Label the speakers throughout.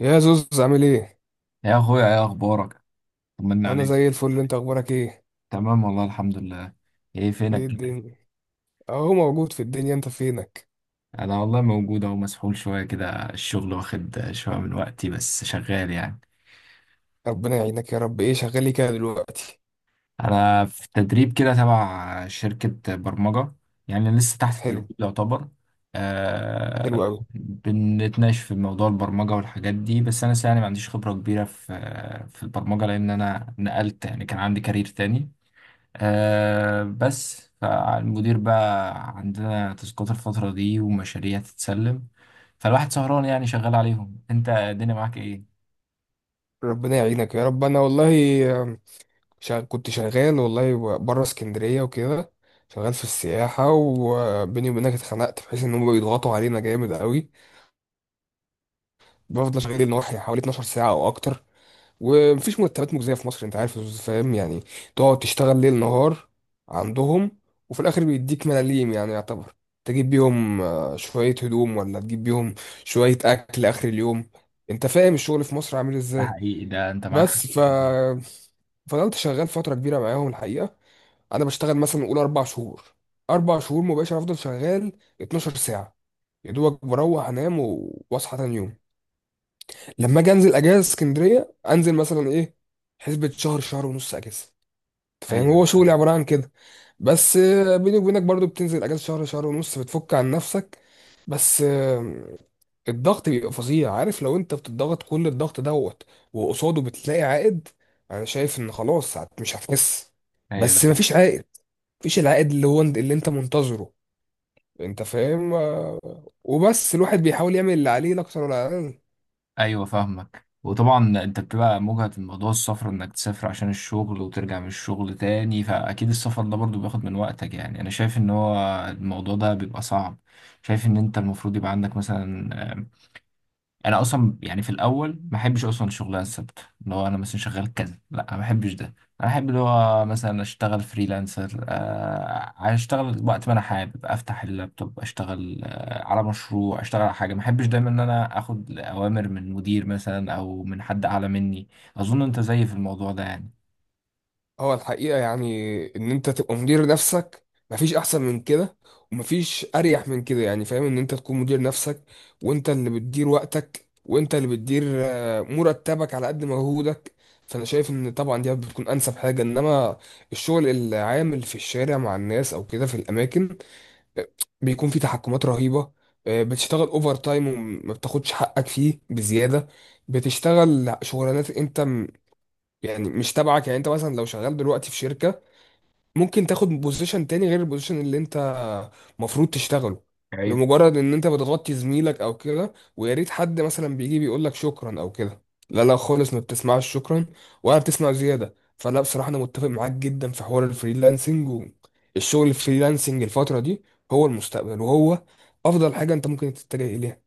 Speaker 1: يا زوز، عامل ايه؟
Speaker 2: يا اخويا، ايه اخبارك؟ طمنا
Speaker 1: انا
Speaker 2: عليك.
Speaker 1: زي الفل، انت اخبارك ايه؟
Speaker 2: تمام والله الحمد لله. ايه فينك
Speaker 1: ايه
Speaker 2: كده؟
Speaker 1: الدنيا؟ اهو موجود في الدنيا، انت فينك؟
Speaker 2: انا والله موجود، اهو مسحول شويه كده الشغل، واخد شويه من وقتي، بس شغال يعني.
Speaker 1: ربنا يعينك يا رب. ايه شغال لي كده دلوقتي؟
Speaker 2: انا في تدريب كده تبع شركه برمجه، يعني لسه تحت التدريب
Speaker 1: حلو.
Speaker 2: يعتبر.
Speaker 1: حلو
Speaker 2: آه.
Speaker 1: قوي.
Speaker 2: بنتناقش في موضوع البرمجه والحاجات دي، بس انا لسه يعني ما عنديش خبره كبيره في البرمجه، لان انا نقلت، يعني كان عندي كارير تاني. بس فالمدير بقى عندنا تاسكات الفترة دي ومشاريع تتسلم، فالواحد سهران يعني شغال عليهم. انت الدنيا معاك ايه؟
Speaker 1: ربنا يعينك يا رب. انا والله آم، كنت شغال والله بره اسكندريه وكده، شغال في السياحه، وبيني وبينك اتخنقت، بحيث ان هم بيضغطوا علينا جامد قوي. بفضل شغال النهار حوالي 12 ساعه او اكتر، ومفيش مرتبات مجزية في مصر، انت عارف فاهم يعني. تقعد تشتغل ليل نهار عندهم، وفي الاخر بيديك ملاليم يعني، يعتبر تجيب بيهم شوية هدوم، ولا تجيب بيهم شوية اكل اخر اليوم. انت فاهم الشغل في مصر عامل
Speaker 2: ده
Speaker 1: ازاي.
Speaker 2: حقيقي، ده انت معاك حق.
Speaker 1: بس ف فضلت شغال فترة كبيرة معاهم الحقيقة. انا بشتغل مثلا قول اربع شهور، اربع شهور مباشر افضل شغال 12 ساعة. يا دوبك بروح انام واصحى تاني يوم. لما اجي انزل اجازه اسكندريه انزل مثلا ايه، حسبه شهر شهر ونص اجازه. أنت فاهم،
Speaker 2: ايوه.
Speaker 1: هو شغلي عباره عن كده. بس بيني وبينك برضو بتنزل اجازه شهر شهر ونص، بتفك عن نفسك. بس الضغط بيبقى فظيع، عارف؟ لو انت بتضغط كل الضغط دوت وقصاده بتلاقي عائد، انا شايف ان خلاص مش هتحس.
Speaker 2: ايوه ده
Speaker 1: بس
Speaker 2: حقيقي.
Speaker 1: مفيش عائد، مفيش العائد اللي هو اللي انت منتظره. انت فاهم وبس الواحد بيحاول يعمل اللي عليه لا اكتر ولا اقل.
Speaker 2: ايوه فاهمك، وطبعا انت بتبقى مجهد في موضوع السفر، انك تسافر عشان الشغل وترجع من الشغل تاني، فاكيد السفر ده برضو بياخد من وقتك يعني. انا شايف ان هو الموضوع ده بيبقى صعب. شايف ان انت المفروض يبقى عندك مثلا. انا اصلا يعني في الاول ما بحبش اصلا الشغلانه الثابته، اللي هو انا مثلا شغال كذا، لا انا ما بحبش ده. انا احب اللي هو مثلا اشتغل فريلانسر، اشتغل وقت ما انا حابب، افتح اللابتوب اشتغل على مشروع، اشتغل على حاجه، ما بحبش دايما ان انا اخد اوامر من مدير مثلا او من حد اعلى مني. اظن انت زيي في الموضوع ده يعني.
Speaker 1: هو الحقيقة يعني إن أنت تبقى مدير نفسك، مفيش أحسن من كده، ومفيش أريح من كده يعني. فاهم؟ إن أنت تكون مدير نفسك، وأنت اللي بتدير وقتك، وأنت اللي بتدير مرتبك على قد مجهودك. فأنا شايف إن طبعا دي بتكون أنسب حاجة. إنما الشغل العامل في الشارع مع الناس أو كده في الأماكن، آه، بيكون في تحكمات رهيبة. بتشتغل اوفر تايم وما بتاخدش حقك فيه بزيادة. بتشتغل شغلانات انت يعني مش تبعك. يعني انت مثلا لو شغال دلوقتي في شركة، ممكن تاخد بوزيشن تاني غير البوزيشن اللي انت مفروض تشتغله، لمجرد ان انت بتغطي زميلك او كده. ويا ريت حد مثلا بيجي بيقول لك شكرا او كده، لا لا خالص، ما بتسمعش شكرا ولا بتسمع زياده. فلا، بصراحه انا متفق معاك جدا في حوار الفريلانسنج، والشغل الفريلانسنج الفتره دي هو المستقبل، وهو افضل حاجه انت ممكن تتجه اليها.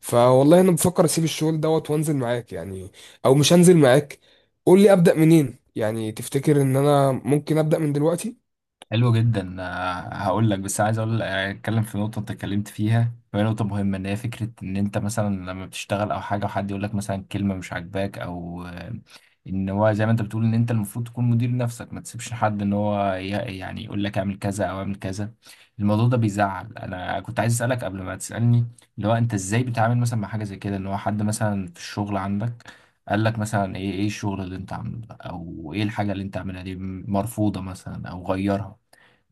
Speaker 1: فوالله انا بفكر اسيب الشغل دوت وانزل معاك يعني، او مش هنزل معاك، قول لي ابدا منين يعني. تفتكر ان انا ممكن ابدا من دلوقتي؟
Speaker 2: حلو جدا. هقول لك، بس عايز اقول اتكلم في نقطه انت اتكلمت فيها، وهي نقطه مهمه، ان هي فكره ان انت مثلا لما بتشتغل او حاجه وحد يقول لك مثلا كلمه مش عاجباك، او ان هو زي ما انت بتقول ان انت المفروض تكون مدير نفسك، ما تسيبش حد ان هو يعني يقول لك اعمل كذا او اعمل كذا. الموضوع ده بيزعل. انا كنت عايز اسالك قبل ما تسالني، اللي هو انت ازاي بتتعامل مثلا مع حاجه زي كده، ان هو حد مثلا في الشغل عندك قال لك مثلا ايه، ايه الشغل اللي انت عامله ده، او ايه الحاجه اللي انت عاملها دي، مرفوضه مثلا او غيرها.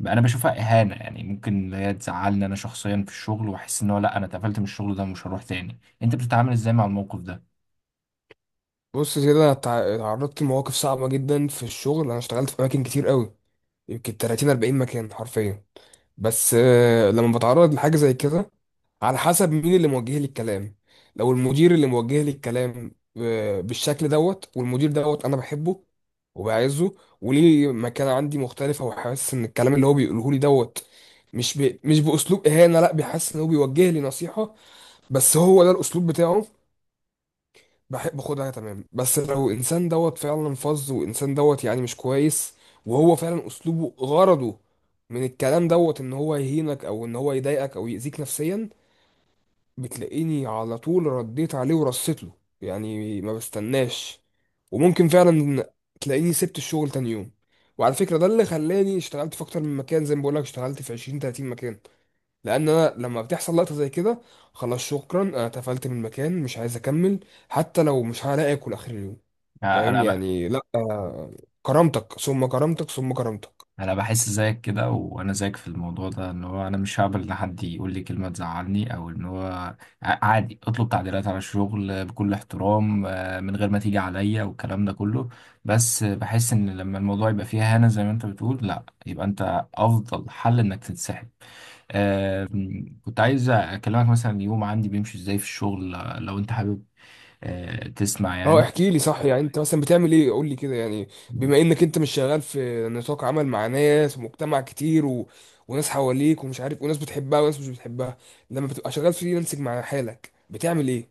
Speaker 2: انا بشوفها اهانه يعني، ممكن اللي هي تزعلني انا شخصيا في الشغل، واحس ان هو لا انا اتقفلت من الشغل ده ومش هروح تاني. انت بتتعامل ازاي مع الموقف ده؟
Speaker 1: بص كده، انا اتعرضت لمواقف صعبه جدا في الشغل. انا اشتغلت في اماكن كتير قوي، يمكن 30 40 مكان حرفيا. بس لما بتعرض لحاجه زي كده، على حسب مين اللي موجه لي الكلام. لو المدير اللي موجه لي الكلام بالشكل دوت، والمدير دوت انا بحبه وبعزه، وليه مكانه عندي مختلفه، وحاسس ان الكلام اللي هو بيقوله لي دوت مش باسلوب اهانه، لا، بيحس ان هو بيوجه لي نصيحه، بس هو ده الاسلوب بتاعه، بحب اخدها تمام. بس لو انسان دوت فعلا فظ، وانسان دوت يعني مش كويس، وهو فعلا اسلوبه غرضه من الكلام دوت ان هو يهينك، او ان هو يضايقك او يأذيك نفسيا، بتلاقيني على طول رديت عليه ورصيت له، يعني ما بستناش. وممكن فعلا تلاقيني سبت الشغل تاني يوم. وعلى فكرة، ده اللي خلاني اشتغلت في اكتر من مكان، زي ما بقولك اشتغلت في 20 30 مكان، لان انا لما بتحصل لقطه زي كده، خلاص شكرا، انا اتقفلت من المكان، مش عايز اكمل، حتى لو مش هلاقي اكل اخر اليوم.
Speaker 2: يعني
Speaker 1: فاهم
Speaker 2: انا
Speaker 1: يعني؟ لا كرامتك ثم كرامتك ثم كرامتك.
Speaker 2: انا بحس زيك كده، وانا زيك في الموضوع ده، ان هو انا مش هقبل ان حد يقول لي كلمه تزعلني، او ان هو عادي اطلب تعديلات على الشغل بكل احترام، من غير ما تيجي عليا والكلام ده كله. بس بحس ان لما الموضوع يبقى فيها هنا زي ما انت بتقول، لا يبقى انت افضل حل انك تنسحب. كنت عايز اكلمك مثلا، يوم عندي بيمشي ازاي في الشغل، لو انت حابب تسمع
Speaker 1: اه،
Speaker 2: يعني.
Speaker 1: احكي لي صح. يعني انت مثلا بتعمل ايه؟ قول لي كده يعني. بما انك انت مش شغال في نطاق عمل مع ناس ومجتمع كتير وناس حواليك ومش عارف، وناس بتحبها وناس مش بتحبها، لما بتبقى شغال فريلانسنج مع حالك، بتعمل ايه؟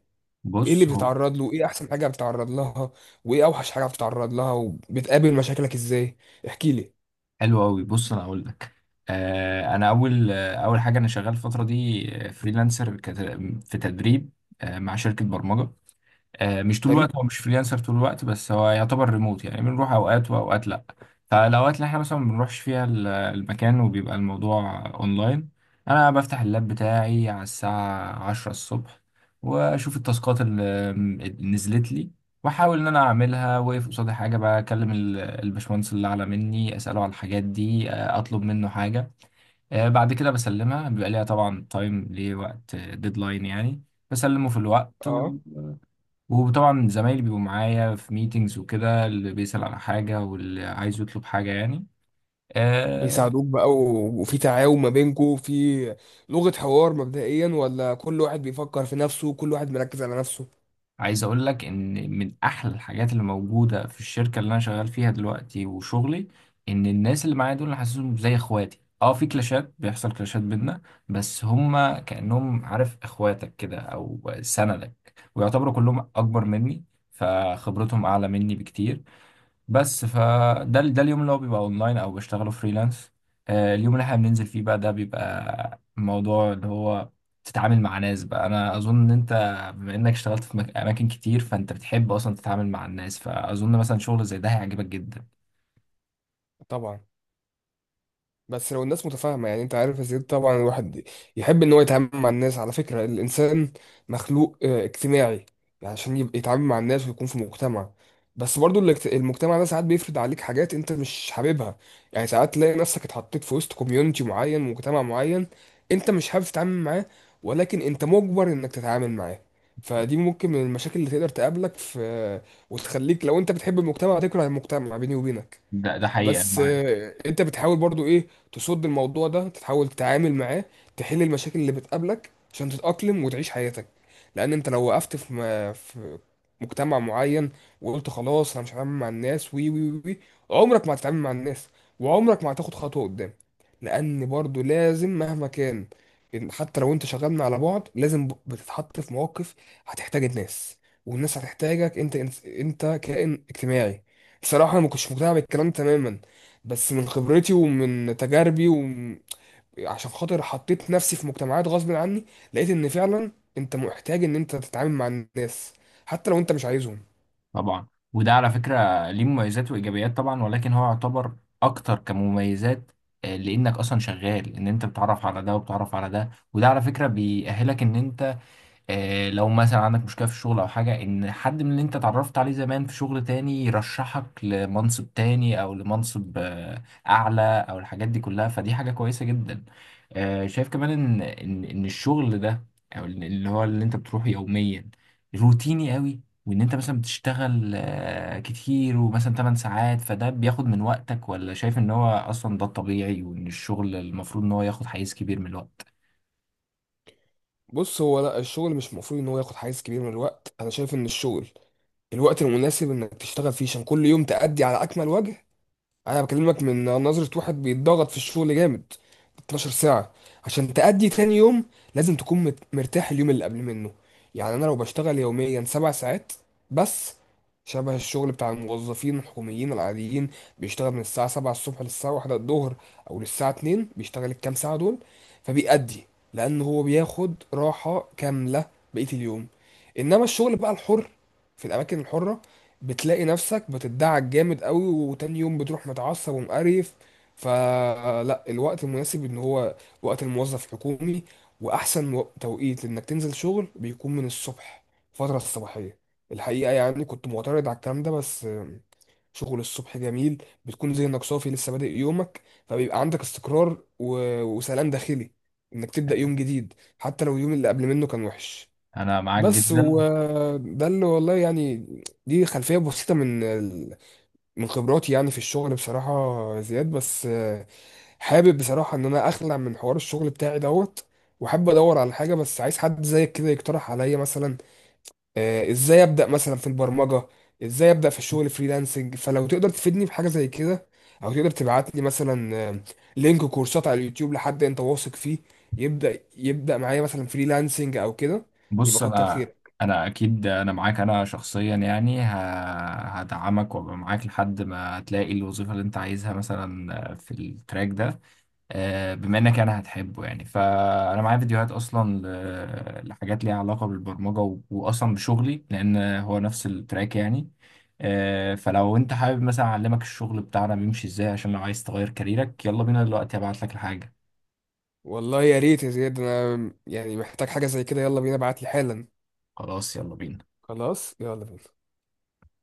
Speaker 1: ايه اللي
Speaker 2: بص هو
Speaker 1: بتتعرض له؟ ايه احسن حاجه بتتعرض لها؟ وايه اوحش حاجه بتتعرض لها؟ وبتقابل مشاكلك ازاي؟ احكي لي.
Speaker 2: حلو قوي، بص انا اقول لك. انا اول اول حاجه انا شغال الفتره دي فريلانسر في تدريب، مع شركه برمجه. مش طول
Speaker 1: حلو.
Speaker 2: الوقت، هو مش فريلانسر طول الوقت، بس هو يعتبر ريموت يعني، بنروح اوقات واوقات لا. فالاوقات اللي احنا مثلا ما بنروحش فيها المكان، وبيبقى الموضوع اونلاين، انا بفتح اللاب بتاعي على الساعة عشرة الصبح، واشوف التاسكات اللي نزلت لي، واحاول ان انا اعملها، واقف قصادي حاجه بقى اكلم الباشمهندس اللي اعلى مني، اساله على الحاجات دي، اطلب منه حاجه. بعد كده بسلمها، بيبقى ليها طبعا تايم، ليه وقت ديدلاين يعني، بسلمه في الوقت.
Speaker 1: اه،
Speaker 2: وطبعا زمايلي بيبقوا معايا في ميتينجز وكده، اللي بيسأل على حاجة واللي عايز يطلب حاجة يعني. آه.
Speaker 1: بيساعدوك بقى وفي تعاون ما بينكوا في لغه حوار مبدئيا؟ ولا كل واحد بيفكر في نفسه، كل واحد مركز على نفسه؟
Speaker 2: عايز أقول لك إن من أحلى الحاجات اللي موجودة في الشركة اللي أنا شغال فيها دلوقتي وشغلي، إن الناس اللي معايا دول أنا حاسسهم زي إخواتي. اه في كلاشات، بيحصل كلاشات بينا، بس هما كأنهم، عارف إخواتك كده، أو سندك، ويعتبروا كلهم أكبر مني، فخبرتهم أعلى مني بكتير. بس فده اليوم اللي هو بيبقى اونلاين او بشتغله فريلانس. اليوم اللي احنا بننزل فيه بقى، ده بيبقى الموضوع اللي هو، تتعامل مع ناس بقى. انا اظن ان انت، بما انك اشتغلت في اماكن كتير، فانت بتحب اصلا تتعامل مع الناس، فاظن مثلا شغل زي ده هيعجبك جدا.
Speaker 1: طبعا. بس لو الناس متفاهمة. يعني انت عارف يا زياد، طبعا الواحد يحب ان هو يتعامل مع الناس. على فكرة الانسان مخلوق اجتماعي، يعني عشان يبقى يتعامل مع الناس ويكون في مجتمع. بس برضو المجتمع ده ساعات بيفرض عليك حاجات انت مش حاببها. يعني ساعات تلاقي نفسك اتحطيت في وسط كوميونتي معين، مجتمع معين، انت مش حابب تتعامل معاه، ولكن انت مجبر انك تتعامل معاه. فدي ممكن من المشاكل اللي تقدر تقابلك في، وتخليك لو انت بتحب المجتمع تكره المجتمع بيني وبينك.
Speaker 2: ده حقيقة، أنا
Speaker 1: بس
Speaker 2: معاك.
Speaker 1: انت بتحاول برضو ايه، تصد الموضوع ده، تحاول تتعامل معاه، تحل المشاكل اللي بتقابلك عشان تتأقلم وتعيش حياتك. لان انت لو وقفت في في مجتمع معين وقلت خلاص انا مش هتعامل مع الناس، وي وي وي وي، عمرك ما هتتعامل مع الناس، وعمرك ما هتاخد خطوة قدام. لان برضو لازم مهما كان، إن حتى لو انت شغال على بعد، لازم بتتحط في مواقف هتحتاج الناس، والناس هتحتاجك انت. انت كائن اجتماعي. بصراحة أنا ما كنتش مقتنع بالكلام تماما، بس من خبرتي ومن تجاربي، وعشان خاطر حطيت نفسي في مجتمعات غصب عني، لقيت إن فعلا أنت محتاج إن أنت تتعامل مع الناس حتى لو أنت مش عايزهم.
Speaker 2: طبعا. وده على فكرة ليه مميزات وايجابيات طبعا، ولكن هو يعتبر اكتر كمميزات، لانك اصلا شغال ان انت بتتعرف على ده وبتتعرف على ده، وده على فكرة بيأهلك ان انت، لو مثلا عندك مشكلة في الشغل أو حاجة، إن حد من اللي أنت اتعرفت عليه زمان في شغل تاني يرشحك لمنصب تاني، أو لمنصب أعلى، أو الحاجات دي كلها، فدي حاجة كويسة جدا. شايف كمان إن الشغل ده، أو اللي هو اللي أنت بتروحه يوميا، روتيني قوي، وإن أنت مثلا بتشتغل كتير، ومثلا 8 ساعات، فده بياخد من وقتك، ولا شايف إن هو أصلا ده الطبيعي، وإن الشغل المفروض إن هو ياخد حيز كبير من الوقت.
Speaker 1: بص، هو لا، الشغل مش المفروض إن هو ياخد حيز كبير من الوقت. أنا شايف إن الشغل الوقت المناسب إنك تشتغل فيه عشان كل يوم تأدي على أكمل وجه. انا بكلمك من نظرة واحد بيتضغط في الشغل جامد 12 ساعة. عشان تأدي تاني يوم، لازم تكون مرتاح اليوم اللي قبل منه. يعني انا لو بشتغل يوميا سبع ساعات بس، شبه الشغل بتاع الموظفين الحكوميين العاديين، بيشتغل من الساعة 7 الصبح للساعة 1 الظهر او للساعة 2، بيشتغل الكام ساعة دول فبيأدي، لان هو بياخد راحة كاملة بقية اليوم. انما الشغل بقى الحر، في الاماكن الحرة، بتلاقي نفسك بتدعك جامد قوي، وتاني يوم بتروح متعصب ومقريف. فلا، الوقت المناسب ان هو وقت الموظف حكومي. واحسن توقيت انك تنزل شغل بيكون من الصبح، الفترة الصباحية. الحقيقة يعني كنت معترض على الكلام ده، بس شغل الصبح جميل، بتكون ذهنك صافي، لسه بادئ يومك، فبيبقى عندك استقرار وسلام داخلي انك تبدأ يوم جديد، حتى لو اليوم اللي قبل منه كان وحش.
Speaker 2: أنا معاك
Speaker 1: بس
Speaker 2: جدا.
Speaker 1: وده اللي والله يعني، دي خلفية بسيطة من من خبراتي يعني في الشغل بصراحة يا زياد. بس حابب بصراحة ان انا اخلع من حوار الشغل بتاعي دوت، وحابب ادور على حاجة. بس عايز حد زيك كده يقترح عليا مثلا ازاي ابدأ مثلا في البرمجة، ازاي ابدأ في الشغل فريلانسنج. فلو تقدر تفيدني بحاجة زي كده، او تقدر تبعت لي مثلا لينك كورسات على اليوتيوب لحد انت واثق فيه يبدأ معايا مثلا فريلانسنج او كده، يبقى
Speaker 2: بص
Speaker 1: كتر
Speaker 2: انا
Speaker 1: خيرك.
Speaker 2: اكيد انا معاك، انا شخصيا يعني هدعمك وابقى معاك لحد ما هتلاقي الوظيفه اللي انت عايزها مثلا في التراك ده. بما انك انا هتحبه يعني، فانا معايا فيديوهات اصلا لحاجات ليها علاقه بالبرمجه، واصلا بشغلي، لان هو نفس التراك يعني. فلو انت حابب، مثلا اعلمك الشغل بتاعنا بيمشي ازاي، عشان لو عايز تغير كاريرك، يلا بينا دلوقتي هبعت لك الحاجه.
Speaker 1: والله يا ريت يا زياد، انا يعني محتاج حاجة زي كده. يلا بينا، ابعت لي حالا.
Speaker 2: خلاص يلا بينا.
Speaker 1: خلاص يلا بينا.